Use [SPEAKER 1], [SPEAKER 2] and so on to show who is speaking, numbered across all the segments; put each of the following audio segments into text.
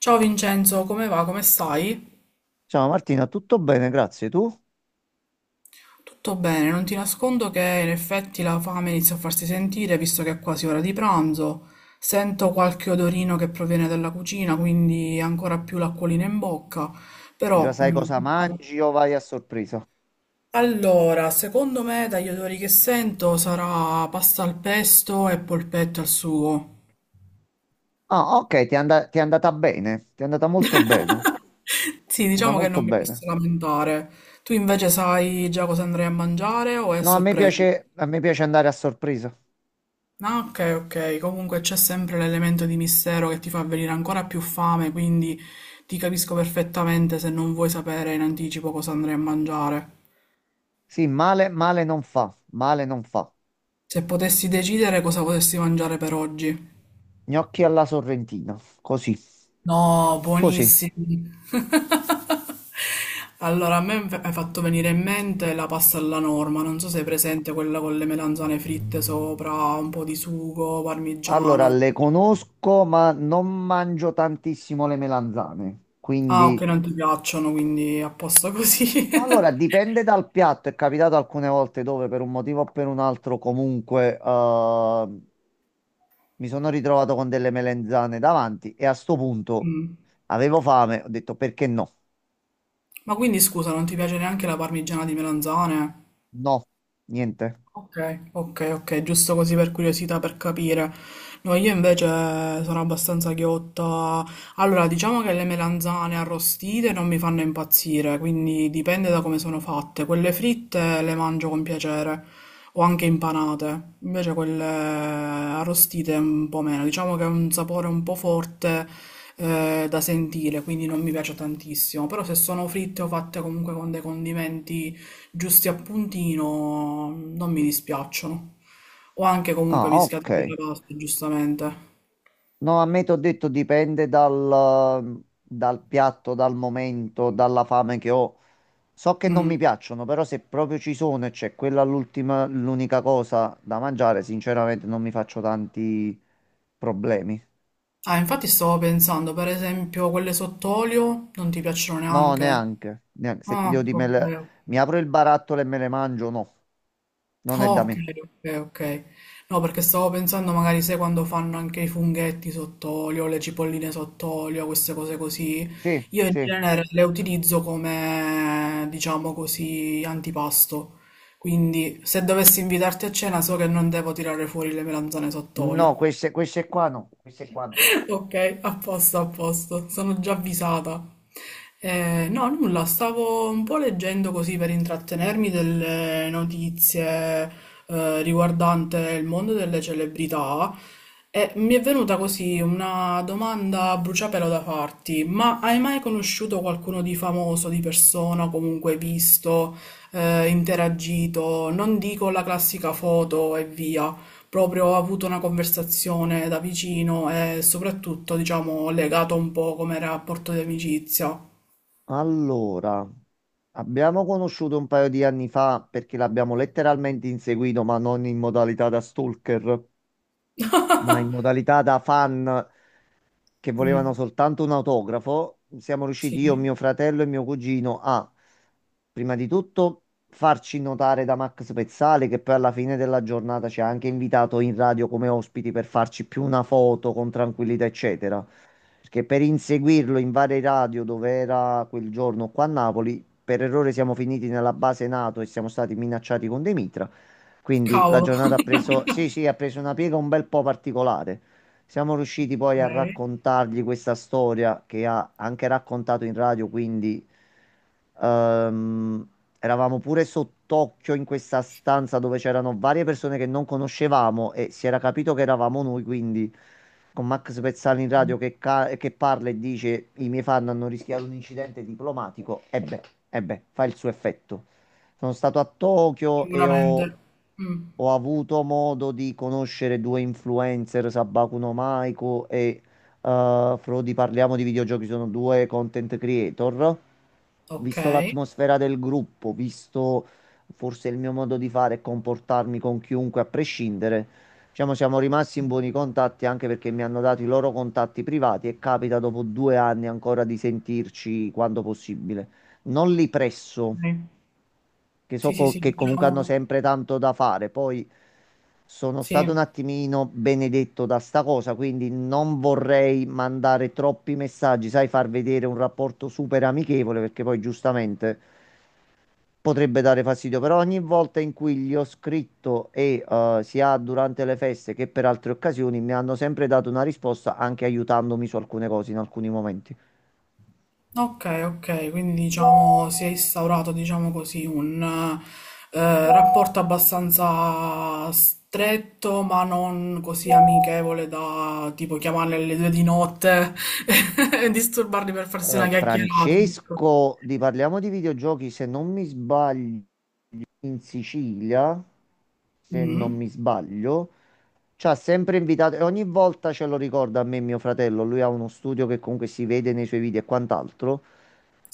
[SPEAKER 1] Ciao Vincenzo, come va? Come stai?
[SPEAKER 2] Ciao Martina, tutto bene, grazie. Tu
[SPEAKER 1] Tutto bene, non ti nascondo che in effetti la fame inizia a farsi sentire visto che è quasi ora di pranzo. Sento qualche odorino che proviene dalla cucina, quindi ancora più l'acquolina in bocca.
[SPEAKER 2] già
[SPEAKER 1] Però,
[SPEAKER 2] sai
[SPEAKER 1] mm,
[SPEAKER 2] cosa
[SPEAKER 1] diciamo-
[SPEAKER 2] mangi o vai a sorpresa?
[SPEAKER 1] Allora, secondo me dagli odori che sento sarà pasta al pesto e polpetto al sugo.
[SPEAKER 2] Ah, ok, ti è andata bene, ti è andata molto bene,
[SPEAKER 1] Sì,
[SPEAKER 2] è andata
[SPEAKER 1] diciamo che
[SPEAKER 2] molto
[SPEAKER 1] non mi posso
[SPEAKER 2] bene.
[SPEAKER 1] lamentare. Tu invece sai già cosa andrai a mangiare o è a
[SPEAKER 2] No,
[SPEAKER 1] sorpresa?
[SPEAKER 2] a me piace andare a sorpresa.
[SPEAKER 1] Ah, ok, ok. Comunque c'è sempre l'elemento di mistero che ti fa venire ancora più fame, quindi ti capisco perfettamente se non vuoi sapere in anticipo cosa andrai a mangiare.
[SPEAKER 2] Sì, male, male non fa, male non fa.
[SPEAKER 1] Se potessi decidere cosa potessi mangiare per oggi.
[SPEAKER 2] Gnocchi alla sorrentina, così,
[SPEAKER 1] No,
[SPEAKER 2] così.
[SPEAKER 1] buonissimi. Allora, a me mi hai fatto venire in mente la pasta alla norma, non so se è presente quella con le melanzane fritte sopra, un po' di sugo,
[SPEAKER 2] Allora,
[SPEAKER 1] parmigiano.
[SPEAKER 2] le conosco, ma non mangio tantissimo le melanzane,
[SPEAKER 1] Ah, ok,
[SPEAKER 2] quindi...
[SPEAKER 1] non ti piacciono, quindi a posto così.
[SPEAKER 2] Ma allora dipende dal piatto, è capitato alcune volte dove per un motivo o per un altro comunque, mi sono ritrovato con delle melanzane davanti e a sto punto
[SPEAKER 1] Mm.
[SPEAKER 2] avevo fame, ho detto perché no?
[SPEAKER 1] Ma quindi scusa, non ti piace neanche la parmigiana di melanzane?
[SPEAKER 2] No, niente.
[SPEAKER 1] Ok, ok, ok, giusto così per curiosità, per capire. No, io invece sono abbastanzaghiotta. Allora, diciamo che le melanzane arrostite non mi fanno impazzire, quindi dipende da come sono fatte. Quelle fritte le mangio con piacere, o anche impanate. Invece quelle arrostite un po' meno. Diciamo che è un sapore un po' forte, da sentire, quindi non mi piace tantissimo. Però se sono fritte o fatte comunque con dei condimenti giusti a puntino non mi dispiacciono. O anche comunque
[SPEAKER 2] Ah, ok.
[SPEAKER 1] mischiati con le paste, giustamente.
[SPEAKER 2] No, a me ti ho detto dal piatto, dal momento, dalla fame che ho. So che non
[SPEAKER 1] Mm.
[SPEAKER 2] mi piacciono, però se proprio ci sono e c'è quella l'ultima, l'unica cosa da mangiare, sinceramente non mi faccio tanti problemi.
[SPEAKER 1] Ah, infatti stavo pensando, per esempio, quelle sott'olio non ti piacciono
[SPEAKER 2] No,
[SPEAKER 1] neanche?
[SPEAKER 2] neanche, neanche. Se ti
[SPEAKER 1] Ah,
[SPEAKER 2] devo dire,
[SPEAKER 1] ok, ok.
[SPEAKER 2] mi apro il barattolo e me le mangio, no, non è
[SPEAKER 1] Oh,
[SPEAKER 2] da
[SPEAKER 1] ok,
[SPEAKER 2] me.
[SPEAKER 1] ok, ok. No, perché stavo pensando magari, sai, quando fanno anche i funghetti sott'olio, le cipolline sott'olio, queste cose così,
[SPEAKER 2] Sì,
[SPEAKER 1] io in
[SPEAKER 2] sì.
[SPEAKER 1] genere le utilizzo come, diciamo così, antipasto. Quindi, se dovessi invitarti a cena, so che non devo tirare fuori le melanzane
[SPEAKER 2] No,
[SPEAKER 1] sott'olio.
[SPEAKER 2] queste qua no, queste qua no.
[SPEAKER 1] Ok, a posto, sono già avvisata. No, nulla, stavo un po' leggendo così per intrattenermi delle notizie riguardante il mondo delle celebrità e mi è venuta così una domanda a bruciapelo da farti, ma hai mai conosciuto qualcuno di famoso, di persona, comunque visto, interagito? Non dico la classica foto e via proprio ho avuto una conversazione da vicino e soprattutto, diciamo, legato un po' come rapporto di amicizia.
[SPEAKER 2] Allora, abbiamo conosciuto un paio di anni fa perché l'abbiamo letteralmente inseguito, ma non in modalità da stalker, ma in modalità da fan, che volevano
[SPEAKER 1] Mm,
[SPEAKER 2] soltanto un autografo. Siamo riusciti io,
[SPEAKER 1] sì,
[SPEAKER 2] mio fratello e mio cugino a, prima di tutto, farci notare da Max Pezzale, che poi alla fine della giornata ci ha anche invitato in radio come ospiti per farci più una foto con tranquillità, eccetera. Perché per inseguirlo in varie radio dove era quel giorno qua a Napoli, per errore siamo finiti nella base NATO e siamo stati minacciati con dei mitra. Quindi la
[SPEAKER 1] cavolo.
[SPEAKER 2] giornata ha preso, sì, sì, ha preso una piega un bel po' particolare. Siamo riusciti poi
[SPEAKER 1] Ok,
[SPEAKER 2] a raccontargli questa storia che ha anche raccontato in radio, quindi ehm, eravamo pure sott'occhio in questa stanza dove c'erano varie persone che non conoscevamo e si era capito che eravamo noi, quindi con Max Pezzali in radio che parla e dice i miei fan hanno rischiato un incidente diplomatico, e beh, fa il suo effetto. Sono stato a Tokyo e
[SPEAKER 1] sicuramente. Mm,
[SPEAKER 2] ho avuto modo di conoscere due influencer, Sabaku no Maiko e eh, Frodi Parliamo di Videogiochi, sono due content creator.
[SPEAKER 1] ok. Ok.
[SPEAKER 2] Visto l'atmosfera del gruppo, visto forse il mio modo di fare e comportarmi con chiunque a prescindere, diciamo siamo rimasti in buoni contatti anche perché mi hanno dato i loro contatti privati e capita dopo due anni ancora di sentirci quando possibile. Non li presso,
[SPEAKER 1] Sì, sì, sì,
[SPEAKER 2] che comunque hanno
[SPEAKER 1] diciamo,
[SPEAKER 2] sempre tanto da fare. Poi sono
[SPEAKER 1] sì.
[SPEAKER 2] stato un attimino benedetto da sta cosa, quindi non vorrei mandare troppi messaggi, sai, far vedere un rapporto super amichevole, perché poi giustamente potrebbe dare fastidio. Però ogni volta in cui gli ho scritto sia durante le feste che per altre occasioni mi hanno sempre dato una risposta, anche aiutandomi su alcune cose in alcuni momenti.
[SPEAKER 1] Okay, okay, quindi diciamo si è instaurato, diciamo così, un rapporto abbastanza stretto, ma non così amichevole da tipo chiamarle alle due di notte e disturbarli per farsi una chiacchierata. Ecco.
[SPEAKER 2] Francesco, di parliamo di videogiochi, se non mi sbaglio, in Sicilia, se non
[SPEAKER 1] Mm,
[SPEAKER 2] mi sbaglio. Ci ha sempre invitato e ogni volta ce lo ricorda a me e mio fratello. Lui ha uno studio che comunque si vede nei suoi video e quant'altro.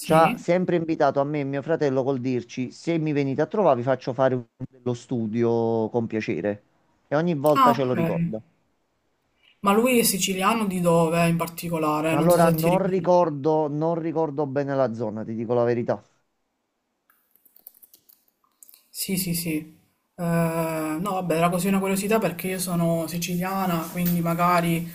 [SPEAKER 2] Ci ha sempre invitato a me e mio fratello col dirci: Se mi venite a trovare, vi faccio fare dello studio con piacere. E ogni
[SPEAKER 1] Ah,
[SPEAKER 2] volta ce lo,
[SPEAKER 1] ok.
[SPEAKER 2] ah, ricorda.
[SPEAKER 1] Ma lui è siciliano di dove in particolare? Non so
[SPEAKER 2] Allora
[SPEAKER 1] se ti
[SPEAKER 2] non
[SPEAKER 1] ricordi.
[SPEAKER 2] ricordo, non ricordo bene la zona, ti dico la verità.
[SPEAKER 1] Sì, sì, sì. No, vabbè, era così una curiosità perché io sono siciliana, quindi magari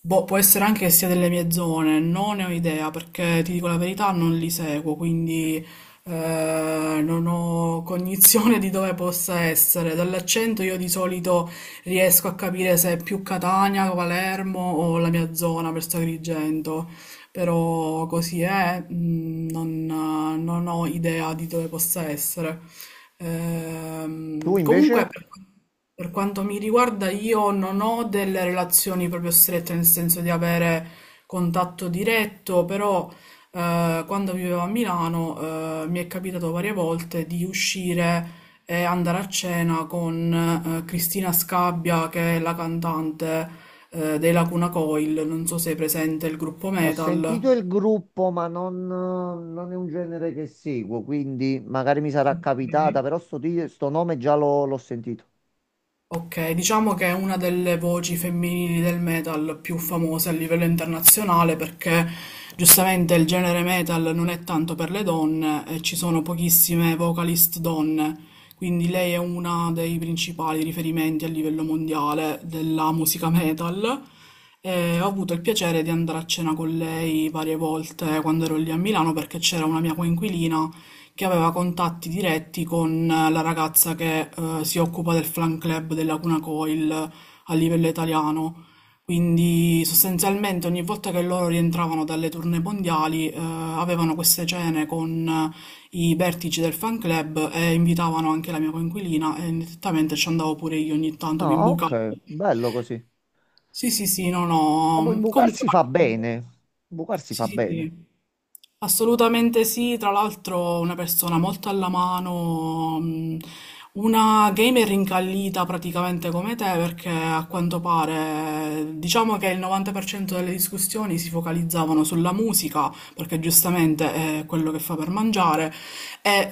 [SPEAKER 1] boh, può essere anche che sia delle mie zone, non ne ho idea perché ti dico la verità, non li seguo, quindi non ho cognizione di dove possa essere. Dall'accento io di solito riesco a capire se è più Catania, Palermo o la mia zona, per Agrigento però così è, non ho idea di dove possa essere.
[SPEAKER 2] Tu
[SPEAKER 1] Comunque,
[SPEAKER 2] invece?
[SPEAKER 1] per quanto mi riguarda, io non ho delle relazioni proprio strette, nel senso di avere contatto diretto, però quando vivevo a Milano, mi è capitato varie volte di uscire e andare a cena con Cristina Scabbia, che è la cantante dei Lacuna Coil, non so se è presente il gruppo
[SPEAKER 2] Ho
[SPEAKER 1] metal.
[SPEAKER 2] sentito il gruppo, ma non, non è un genere che seguo, quindi magari mi sarà capitata,
[SPEAKER 1] Ok.
[SPEAKER 2] però sto nome già l'ho sentito.
[SPEAKER 1] Okay, diciamo che è una delle voci femminili del metal più famose a livello internazionale perché giustamente il genere metal non è tanto per le donne e ci sono pochissime vocalist donne, quindi lei è una dei principali riferimenti a livello mondiale della musica metal e ho avuto il piacere di andare a cena con lei varie volte quando ero lì a Milano perché c'era una mia coinquilina che aveva contatti diretti con la ragazza che si occupa del fan club della Cuna Coil a livello italiano. Quindi sostanzialmente ogni volta che loro rientravano dalle tournée mondiali avevano queste cene con i vertici del fan club e invitavano anche la mia coinquilina e nettamente ci andavo pure io ogni tanto, mi
[SPEAKER 2] Ah,
[SPEAKER 1] imbucavo.
[SPEAKER 2] ok, bello così.
[SPEAKER 1] Sì, sì, sì, no,
[SPEAKER 2] Ah, poi
[SPEAKER 1] no. Comunque,
[SPEAKER 2] imbucarsi fa
[SPEAKER 1] guarda,
[SPEAKER 2] bene. Imbucarsi
[SPEAKER 1] sì,
[SPEAKER 2] fa
[SPEAKER 1] sì,
[SPEAKER 2] bene.
[SPEAKER 1] sì. Assolutamente sì, tra l'altro una persona molto alla mano, una gamer incallita praticamente come te, perché a quanto pare diciamo che il 90% delle discussioni si focalizzavano sulla musica, perché giustamente è quello che fa per mangiare, e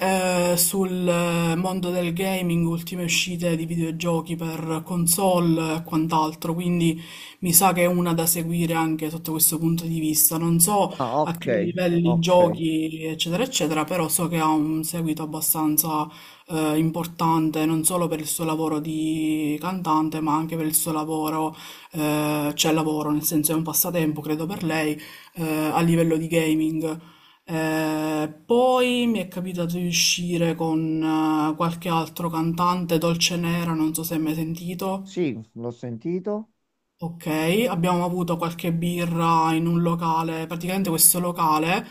[SPEAKER 1] sul mondo del gaming, ultime uscite di videogiochi per console e quant'altro, quindi mi sa che è una da seguire anche sotto questo punto di vista. Non so
[SPEAKER 2] Ah,
[SPEAKER 1] a
[SPEAKER 2] ok,
[SPEAKER 1] che livelli
[SPEAKER 2] ok.
[SPEAKER 1] giochi, eccetera, eccetera, però so che ha un seguito abbastanza importante, non solo per il suo lavoro di cantante, ma anche per il suo lavoro, cioè lavoro, nel senso è un passatempo, credo per lei, a livello di gaming. Poi mi è capitato di uscire con qualche altro cantante, Dolce Nera, non so se hai mai sentito.
[SPEAKER 2] Sì, l'ho sentito.
[SPEAKER 1] Ok, abbiamo avuto qualche birra in un locale, praticamente questo locale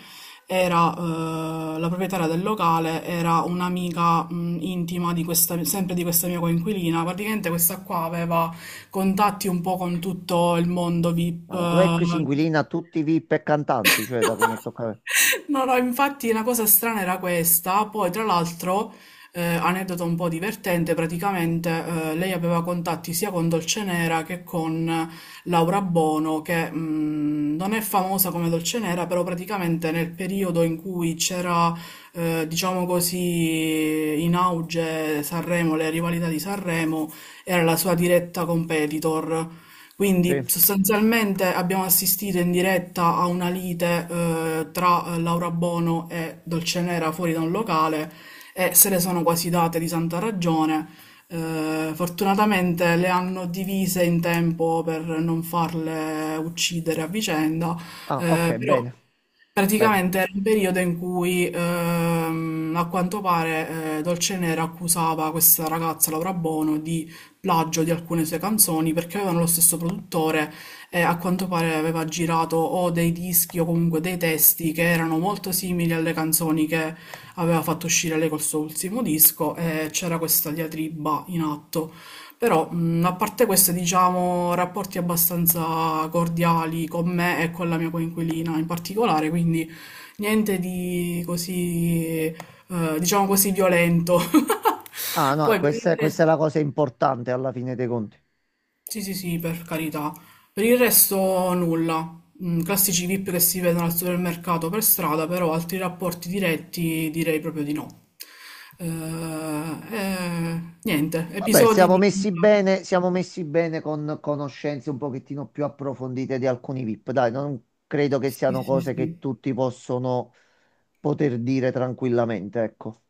[SPEAKER 1] era, la proprietaria del locale era un'amica intima di questa, sempre di questa mia coinquilina, praticamente questa qua aveva contatti un po' con tutto il mondo VIP,
[SPEAKER 2] Ma la tua ex inquilina ha tutti i VIP e cantanti, cioè da come toccare.
[SPEAKER 1] No, no, infatti la cosa strana era questa, poi tra l'altro, aneddoto un po' divertente, praticamente lei aveva contatti sia con Dolcenera che con Laura Bono, che non è famosa come Dolcenera, però praticamente nel periodo in cui c'era, diciamo così, in auge Sanremo, le rivalità di Sanremo, era la sua diretta competitor. Quindi
[SPEAKER 2] Sì.
[SPEAKER 1] sostanzialmente abbiamo assistito in diretta a una lite tra Laura Bono e Dolcenera fuori da un locale e se le sono quasi date di santa ragione. Fortunatamente le hanno divise in tempo per non farle uccidere a vicenda,
[SPEAKER 2] Ah, ok,
[SPEAKER 1] però
[SPEAKER 2] bene, bene.
[SPEAKER 1] praticamente era un periodo in cui, a quanto pare, Dolce Nera accusava questa ragazza, Laura Bono, di plagio di alcune sue canzoni perché avevano lo stesso produttore e a quanto pare aveva girato o dei dischi o comunque dei testi che erano molto simili alle canzoni che aveva fatto uscire lei col suo ultimo disco e c'era questa diatriba in atto. Però, a parte questo, diciamo, rapporti abbastanza cordiali con me e con la mia coinquilina in particolare, quindi niente di così, diciamo così, violento.
[SPEAKER 2] Ah, no,
[SPEAKER 1] Poi per il
[SPEAKER 2] questa
[SPEAKER 1] resto,
[SPEAKER 2] è la cosa importante alla fine dei conti.
[SPEAKER 1] sì, sì, sì, per carità. Per il resto nulla. Classici VIP che si vedono al supermercato per strada, però altri rapporti diretti direi proprio di no. Eh, niente,
[SPEAKER 2] Vabbè,
[SPEAKER 1] episodi di vita.
[SPEAKER 2] siamo messi bene con conoscenze un pochettino più approfondite di alcuni VIP. Dai, non credo che
[SPEAKER 1] Sì,
[SPEAKER 2] siano
[SPEAKER 1] sì,
[SPEAKER 2] cose
[SPEAKER 1] sì.
[SPEAKER 2] che tutti possono poter dire tranquillamente, ecco.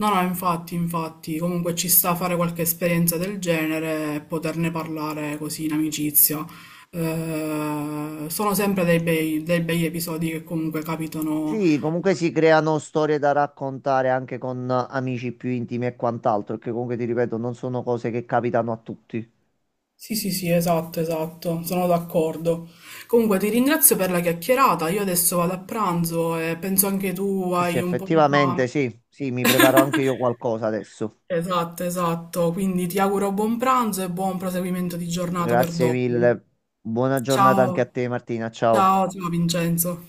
[SPEAKER 1] No, no, infatti, infatti, comunque ci sta a fare qualche esperienza del genere e poterne parlare così in amicizia. Sono sempre dei bei episodi che comunque capitano.
[SPEAKER 2] Sì, comunque si creano storie da raccontare anche con amici più intimi e quant'altro, che comunque ti ripeto, non sono cose che capitano a tutti.
[SPEAKER 1] Sì, sì, sì, esatto, esatto, sono d'accordo. Comunque ti ringrazio per la chiacchierata, io adesso vado a pranzo e penso anche tu
[SPEAKER 2] Eh sì,
[SPEAKER 1] hai un po' di
[SPEAKER 2] effettivamente
[SPEAKER 1] fame.
[SPEAKER 2] sì, sì, mi preparo anche io qualcosa adesso.
[SPEAKER 1] Esatto, esatto, quindi ti auguro buon pranzo e buon proseguimento di giornata per
[SPEAKER 2] Grazie
[SPEAKER 1] dopo.
[SPEAKER 2] mille. Buona giornata anche
[SPEAKER 1] Ciao,
[SPEAKER 2] a te, Martina. Ciao.
[SPEAKER 1] ciao, ciao Vincenzo.